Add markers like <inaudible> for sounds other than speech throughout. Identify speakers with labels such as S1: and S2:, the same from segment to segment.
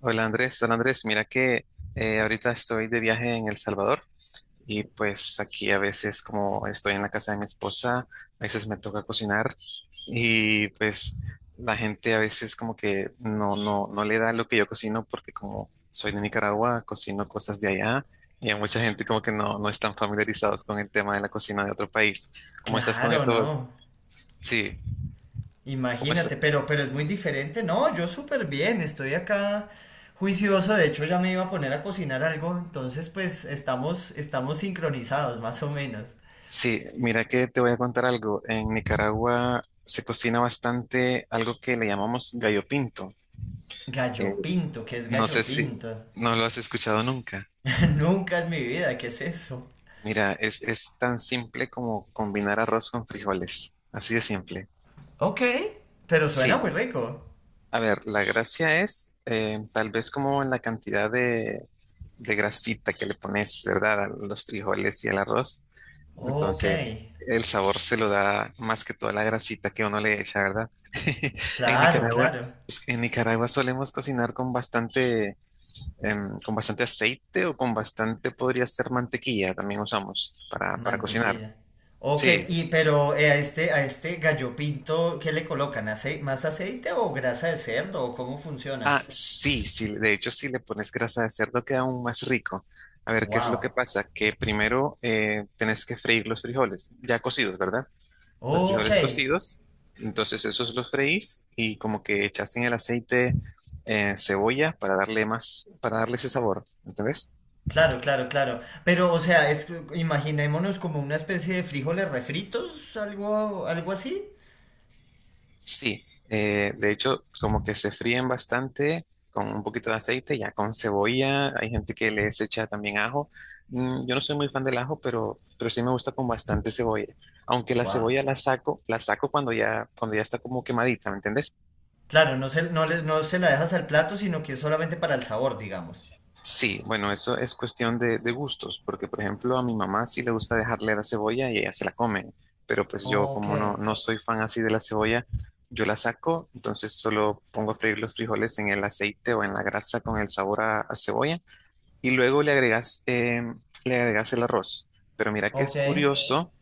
S1: Hola Andrés, mira que ahorita estoy de viaje en El Salvador y pues aquí a veces como estoy en la casa de mi esposa, a veces me toca cocinar y pues la gente a veces como que no le da lo que yo cocino porque como soy de Nicaragua, cocino cosas de allá y a mucha gente como que no están familiarizados con el tema de la cocina de otro país. ¿Cómo estás con
S2: Claro,
S1: esos?
S2: no.
S1: Sí, ¿cómo
S2: Imagínate,
S1: estás?
S2: pero es muy diferente. No, yo súper bien, estoy acá juicioso. De hecho, ya me iba a poner a cocinar algo. Entonces, pues estamos sincronizados, más o menos.
S1: Sí, mira que te voy a contar algo. En Nicaragua se cocina bastante algo que le llamamos gallo pinto.
S2: Gallo
S1: Eh,
S2: pinto, ¿qué es
S1: no sé
S2: gallo
S1: si
S2: pinto?
S1: no lo has escuchado nunca.
S2: <laughs> Nunca en mi vida, ¿qué es eso?
S1: Mira, es tan simple como combinar arroz con frijoles. Así de simple.
S2: Ok, pero suena muy
S1: Sí,
S2: rico.
S1: a ver, la gracia es tal vez como en la cantidad de grasita que le pones, ¿verdad? A los frijoles y al arroz.
S2: Ok,
S1: Entonces, el sabor se lo da más que toda la grasita que uno le echa, ¿verdad? <laughs> En
S2: claro,
S1: Nicaragua,
S2: claro.
S1: en Nicaragua solemos cocinar con bastante, con bastante aceite o con bastante, podría ser mantequilla, también usamos para cocinar.
S2: Mantequilla. Ok,
S1: Sí.
S2: y pero a este gallo pinto, ¿qué le colocan? ¿Acei- ¿Más aceite o grasa de cerdo? ¿O cómo funciona?
S1: Ah, sí, sí, de hecho, si le pones grasa de cerdo queda aún más rico. A ver, ¿qué es lo que
S2: Wow.
S1: pasa? Que primero tenés que freír los frijoles, ya cocidos, ¿verdad? Los
S2: Ok,
S1: frijoles cocidos. Entonces esos los freís y como que echas en el aceite cebolla para darle más, para darle ese sabor, ¿entendés?
S2: claro, claro, claro. Pero, o sea, imaginémonos como una especie de frijoles refritos, algo, algo así.
S1: Sí, de hecho como que se fríen bastante con un poquito de aceite, ya con cebolla, hay gente que les echa también ajo. Mm, yo no soy muy fan del ajo, pero sí me gusta con bastante cebolla. Aunque la
S2: Wow.
S1: cebolla la saco cuando ya está como quemadita, ¿me entendés?
S2: Claro, no se la dejas al plato, sino que es solamente para el sabor, digamos.
S1: Sí, bueno, eso es cuestión de gustos, porque por ejemplo a mi mamá sí le gusta dejarle la cebolla y ella se la come, pero pues yo
S2: Ok,
S1: como no, no soy fan así de la cebolla, yo la saco, entonces solo pongo a freír los frijoles en el aceite o en la grasa con el sabor a cebolla y luego le agregas el arroz. Pero mira que
S2: ok.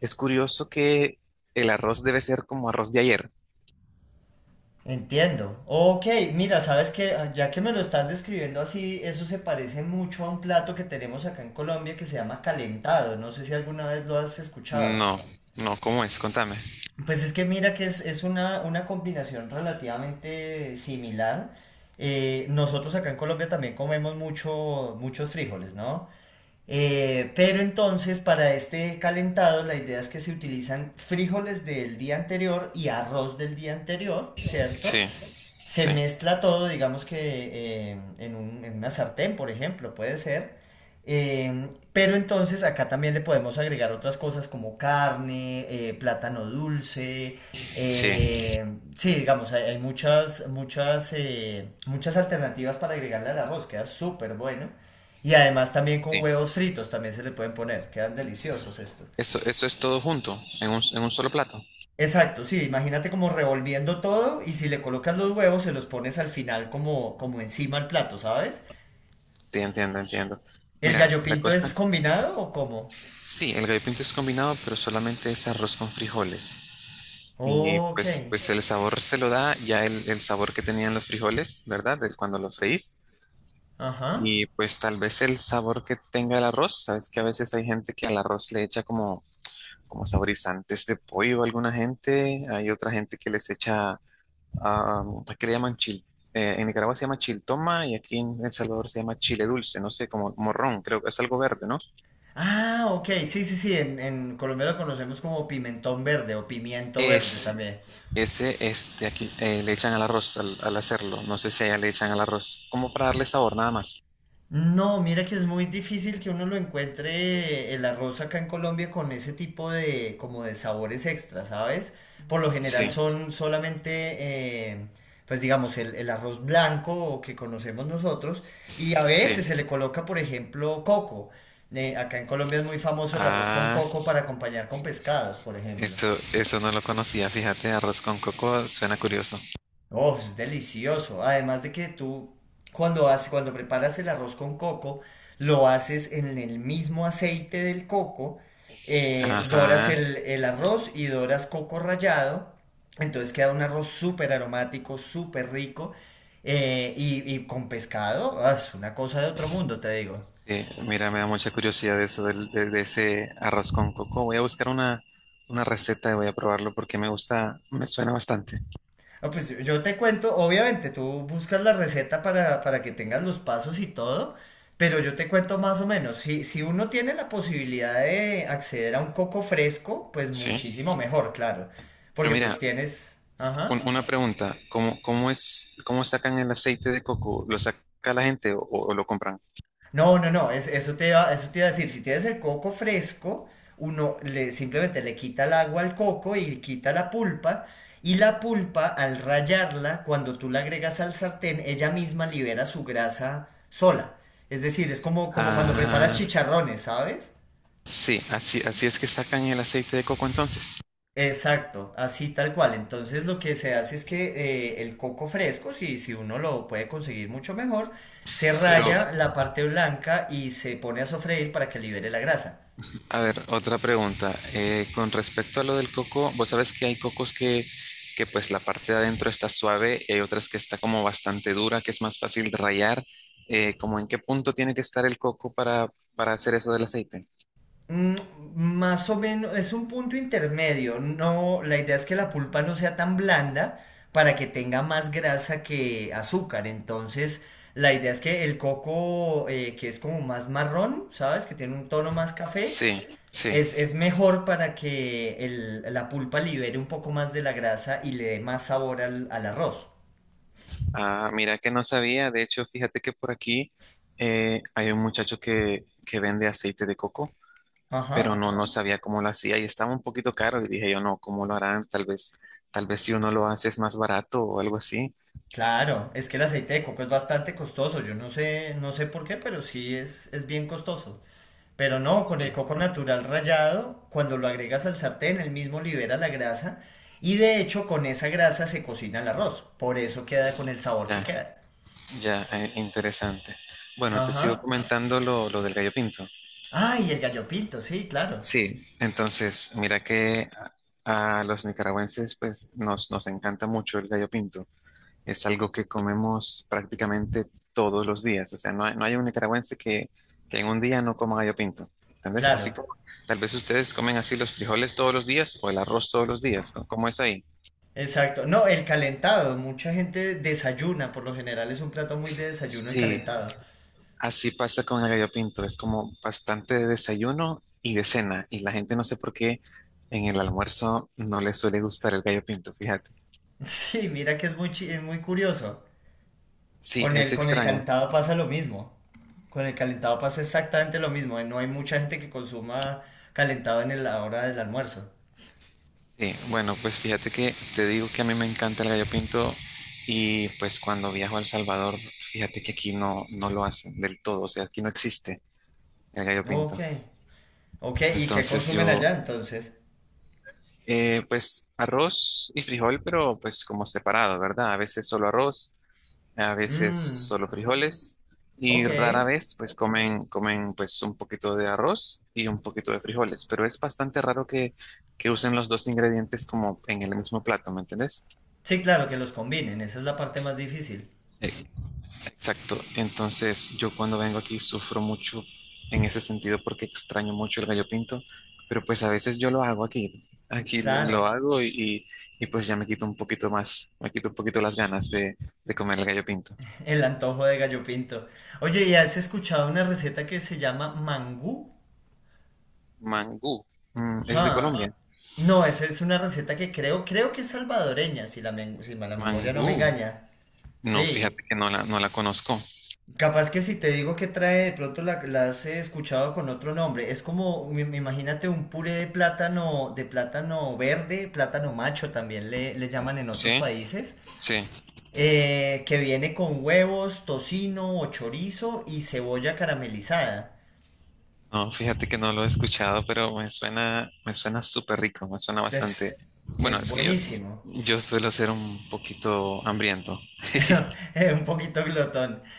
S1: es curioso que el arroz debe ser como arroz de ayer.
S2: Entiendo. Ok, mira, sabes que ya que me lo estás describiendo así, eso se parece mucho a un plato que tenemos acá en Colombia que se llama calentado. No sé si alguna vez lo has escuchado.
S1: No, no, ¿cómo es? Contame.
S2: Pues es que mira que es una combinación relativamente similar. Nosotros acá en Colombia también comemos mucho, muchos frijoles, ¿no? Pero entonces para este calentado la idea es que se utilizan frijoles del día anterior y arroz del día anterior, ¿cierto?
S1: Sí,
S2: Se
S1: sí,
S2: mezcla todo, digamos que en un- en una sartén, por ejemplo, puede ser. Pero entonces acá también le podemos agregar otras cosas como carne, plátano dulce.
S1: sí,
S2: eh, sí, digamos, hay muchas, muchas, muchas alternativas para agregarle al arroz, queda súper bueno. Y además también con
S1: sí.
S2: huevos fritos también se le pueden poner, quedan deliciosos esto.
S1: Eso es todo junto, en un solo plato.
S2: Exacto, sí, imagínate como revolviendo todo y si le colocas los huevos se los pones al final como, como encima al plato, ¿sabes?
S1: Sí, entiendo, entiendo.
S2: ¿El
S1: Mira,
S2: gallo
S1: la
S2: pinto es
S1: cosa,
S2: combinado o cómo?
S1: sí, el gallo pinto es combinado, pero solamente es arroz con frijoles. Y
S2: Ok,
S1: pues, pues el sabor se lo da ya el sabor que tenían los frijoles, ¿verdad? De cuando los freís.
S2: ajá.
S1: Y pues tal vez el sabor que tenga el arroz, sabes que a veces hay gente que al arroz le echa como, como saborizantes de pollo, alguna gente, hay otra gente que les echa ah, aquí le llaman chil, en Nicaragua se llama chiltoma y aquí en El Salvador se llama chile dulce, no sé, como morrón, creo que es algo verde, ¿no?
S2: Ah, ok, sí, sí, sí, en Colombia lo conocemos como pimentón verde o pimiento verde
S1: Ese,
S2: también.
S1: ese, este, aquí le echan al arroz al hacerlo, no sé si allá le echan al arroz, como para darle sabor, nada más.
S2: No, mira que es muy difícil que uno lo encuentre el arroz acá en Colombia con ese tipo de como de sabores extra, ¿sabes? Por lo general
S1: Sí,
S2: son solamente, eh, pues digamos, el arroz blanco que conocemos nosotros y a veces
S1: sí.
S2: se le coloca, por ejemplo, coco. Acá en Colombia es muy famoso el arroz con
S1: Ah,
S2: coco para acompañar con pescados, por ejemplo.
S1: eso no lo conocía, fíjate, arroz con coco suena curioso.
S2: Oh, es delicioso. Además de que tú cuando haces, cuando preparas el arroz con coco, lo haces en el mismo aceite del coco, doras
S1: Ajá.
S2: el arroz y doras coco rallado, entonces queda un arroz súper aromático, súper rico y con pescado, ah, es una cosa de otro mundo, te digo.
S1: Sí, mira, me da mucha curiosidad de eso del- de ese arroz con coco. Voy a buscar una receta y voy a probarlo porque me gusta, me suena bastante.
S2: No pues yo te cuento, obviamente tú buscas la receta para que tengas los pasos y todo, pero yo te cuento más o menos. Si, si uno tiene la posibilidad de acceder a un coco fresco, pues
S1: Sí,
S2: muchísimo mejor, claro,
S1: pero
S2: porque pues
S1: mira,
S2: tienes...
S1: un-
S2: Ajá.
S1: una pregunta, ¿cómo, cómo es, cómo sacan el aceite de coco? ¿Lo saca la gente o lo compran?
S2: No, no, no, es- eso te iba a decir, si tienes el coco fresco, uno le, simplemente le quita el agua al coco y quita la pulpa, y la pulpa al rallarla, cuando tú la agregas al sartén, ella misma libera su grasa sola. Es decir, es como, como cuando preparas
S1: Ah,
S2: chicharrones, ¿sabes?
S1: sí, así, así es que sacan el aceite de coco entonces.
S2: Exacto, así tal cual. Entonces lo que se hace es que el coco fresco, si, si uno lo puede conseguir mucho mejor, se
S1: Pero,
S2: raya la parte blanca y se pone a sofreír para que libere la grasa.
S1: a ver, otra pregunta. Con respecto a lo del coco, vos sabés que hay cocos que pues la parte de adentro está suave y hay otras que está como bastante dura, que es más fácil de rallar. ¿Cómo en qué punto tiene que estar el coco para hacer eso del aceite?
S2: Mm, más o menos, es un punto intermedio. No, la idea es que la pulpa no sea tan blanda para que tenga más grasa que azúcar. Entonces, la idea es que el coco, que es como más marrón, ¿sabes? Que tiene un tono más café,
S1: Sí, sí.
S2: es mejor para que el- la pulpa libere un poco más de la grasa y le dé más sabor al, al arroz.
S1: Ah, mira que no sabía. De hecho, fíjate que por aquí hay un muchacho que vende aceite de coco, pero
S2: Ajá.
S1: no, no sabía cómo lo hacía y estaba un poquito caro. Y dije yo, no, ¿cómo lo harán? Tal vez si uno lo hace es más barato o algo así.
S2: Claro, es que el aceite de coco es bastante costoso. Yo no sé, no sé por qué, pero es bien costoso. Pero no, con
S1: Sí.
S2: el coco natural rallado, cuando lo agregas al sartén, él mismo libera la grasa y de hecho con esa grasa se cocina el arroz. Por eso queda con el sabor que
S1: Ya,
S2: queda.
S1: ya, interesante. Bueno, te sigo
S2: Ajá.
S1: comentando lo del gallo pinto.
S2: Ah, y el gallo pinto, sí, claro.
S1: Sí, entonces, mira que a los nicaragüenses pues nos encanta mucho el gallo pinto. Es algo que comemos prácticamente todos los días. O sea, no hay un nicaragüense que en un día no coma gallo pinto. Tal así
S2: Claro.
S1: como tal vez ustedes comen así los frijoles todos los días o el arroz todos los días. ¿No? ¿Cómo es ahí?
S2: Exacto. No, el calentado. Mucha gente desayuna. Por lo general es un plato muy de desayuno el
S1: Sí,
S2: calentado. <laughs>
S1: así pasa con el gallo pinto. Es como bastante de desayuno y de cena. Y la gente no sé por qué en el almuerzo no le suele gustar el gallo pinto, fíjate.
S2: Sí, mira que es muy, chi- es muy curioso.
S1: Sí, es
S2: Con el
S1: extraño.
S2: calentado pasa lo mismo. Con el calentado pasa exactamente lo mismo. No hay mucha gente que consuma calentado en el- la hora del almuerzo.
S1: Sí, bueno, pues fíjate que te digo que a mí me encanta el gallo pinto y pues cuando viajo a El Salvador, fíjate que aquí no, no lo hacen del todo, o sea, aquí no existe el gallo
S2: Ok.
S1: pinto.
S2: Ok, ¿y qué
S1: Entonces
S2: consumen
S1: yo,
S2: allá entonces?
S1: pues arroz y frijol, pero pues como separado, ¿verdad? A veces solo arroz, a veces
S2: Mmm,
S1: solo frijoles y
S2: ok.
S1: rara vez pues comen, comen pues un poquito de arroz y un poquito de frijoles, pero es bastante raro que usen los dos ingredientes como en el mismo plato, ¿me entendés?
S2: Sí, claro, que los combinen. Esa es la parte más difícil.
S1: Exacto. Entonces, yo cuando vengo aquí sufro mucho en ese sentido porque extraño mucho el gallo pinto, pero pues a veces yo lo hago aquí. Aquí lo
S2: Claro,
S1: lo hago y, pues ya me quito un poquito más, me quito un poquito las ganas de comer el gallo pinto.
S2: <laughs> el antojo de gallo pinto. Oye, ¿y has escuchado una receta que se llama mangú?
S1: Mangú, Mm, es de Colombia.
S2: Ah, no, esa es una receta que creo, creo que es salvadoreña, si la, men- si la memoria no me
S1: Mangú,
S2: engaña.
S1: no,
S2: Sí.
S1: fíjate que no la, no la conozco.
S2: Capaz que si te digo que trae, de pronto la, la has escuchado con otro nombre. Es como, im- imagínate un puré de plátano verde, plátano macho también le llaman en otros
S1: Sí,
S2: países,
S1: sí.
S2: que viene con huevos, tocino o chorizo y cebolla caramelizada.
S1: No, fíjate que no lo he escuchado, pero me suena súper rico, me suena bastante.
S2: Es,
S1: Bueno,
S2: es
S1: es que yo,
S2: buenísimo.
S1: yo suelo ser un poquito hambriento. <laughs>
S2: <laughs> Un poquito glotón. <laughs>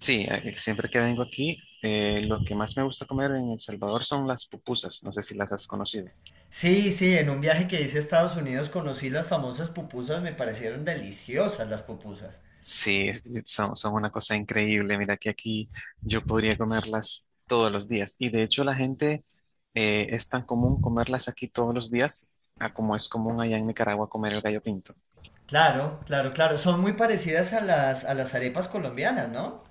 S1: Sí, siempre que vengo aquí, lo que más me gusta comer en El Salvador son las pupusas. No sé si las has conocido.
S2: Sí, sí, en un viaje que hice a Estados Unidos conocí las famosas pupusas, me parecieron deliciosas las pupusas.
S1: Sí, es- son, son una cosa increíble. Mira que aquí yo podría comerlas todos los días. Y de hecho la gente es tan común comerlas aquí todos los días a como es común allá en Nicaragua comer el gallo pinto.
S2: Claro, claro, claro. Son muy parecidas a las arepas colombianas, ¿no?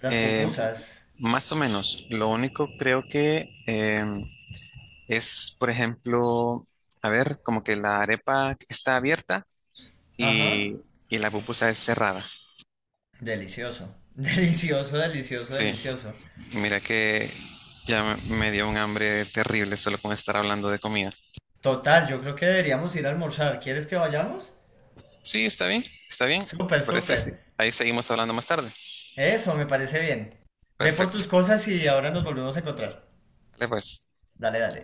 S2: Las
S1: Eh,
S2: pupusas.
S1: más o menos. Lo único creo que es, por ejemplo, a ver, como que la arepa está abierta
S2: Ajá.
S1: y, y la pupusa es cerrada.
S2: Delicioso. <laughs> Delicioso, delicioso,
S1: Sí,
S2: delicioso.
S1: mira que ya me dio un hambre terrible solo con estar hablando de comida.
S2: Total, yo creo que deberíamos ir a almorzar. ¿Quieres que vayamos?
S1: Sí, está bien, está bien.
S2: Súper,
S1: ¿Te parece? Ok,
S2: súper.
S1: sí. Ahí seguimos hablando más tarde.
S2: Eso, me parece bien. Ve por
S1: Perfecto.
S2: tus cosas y ahora nos volvemos a encontrar.
S1: Vale, pues.
S2: Dale, dale.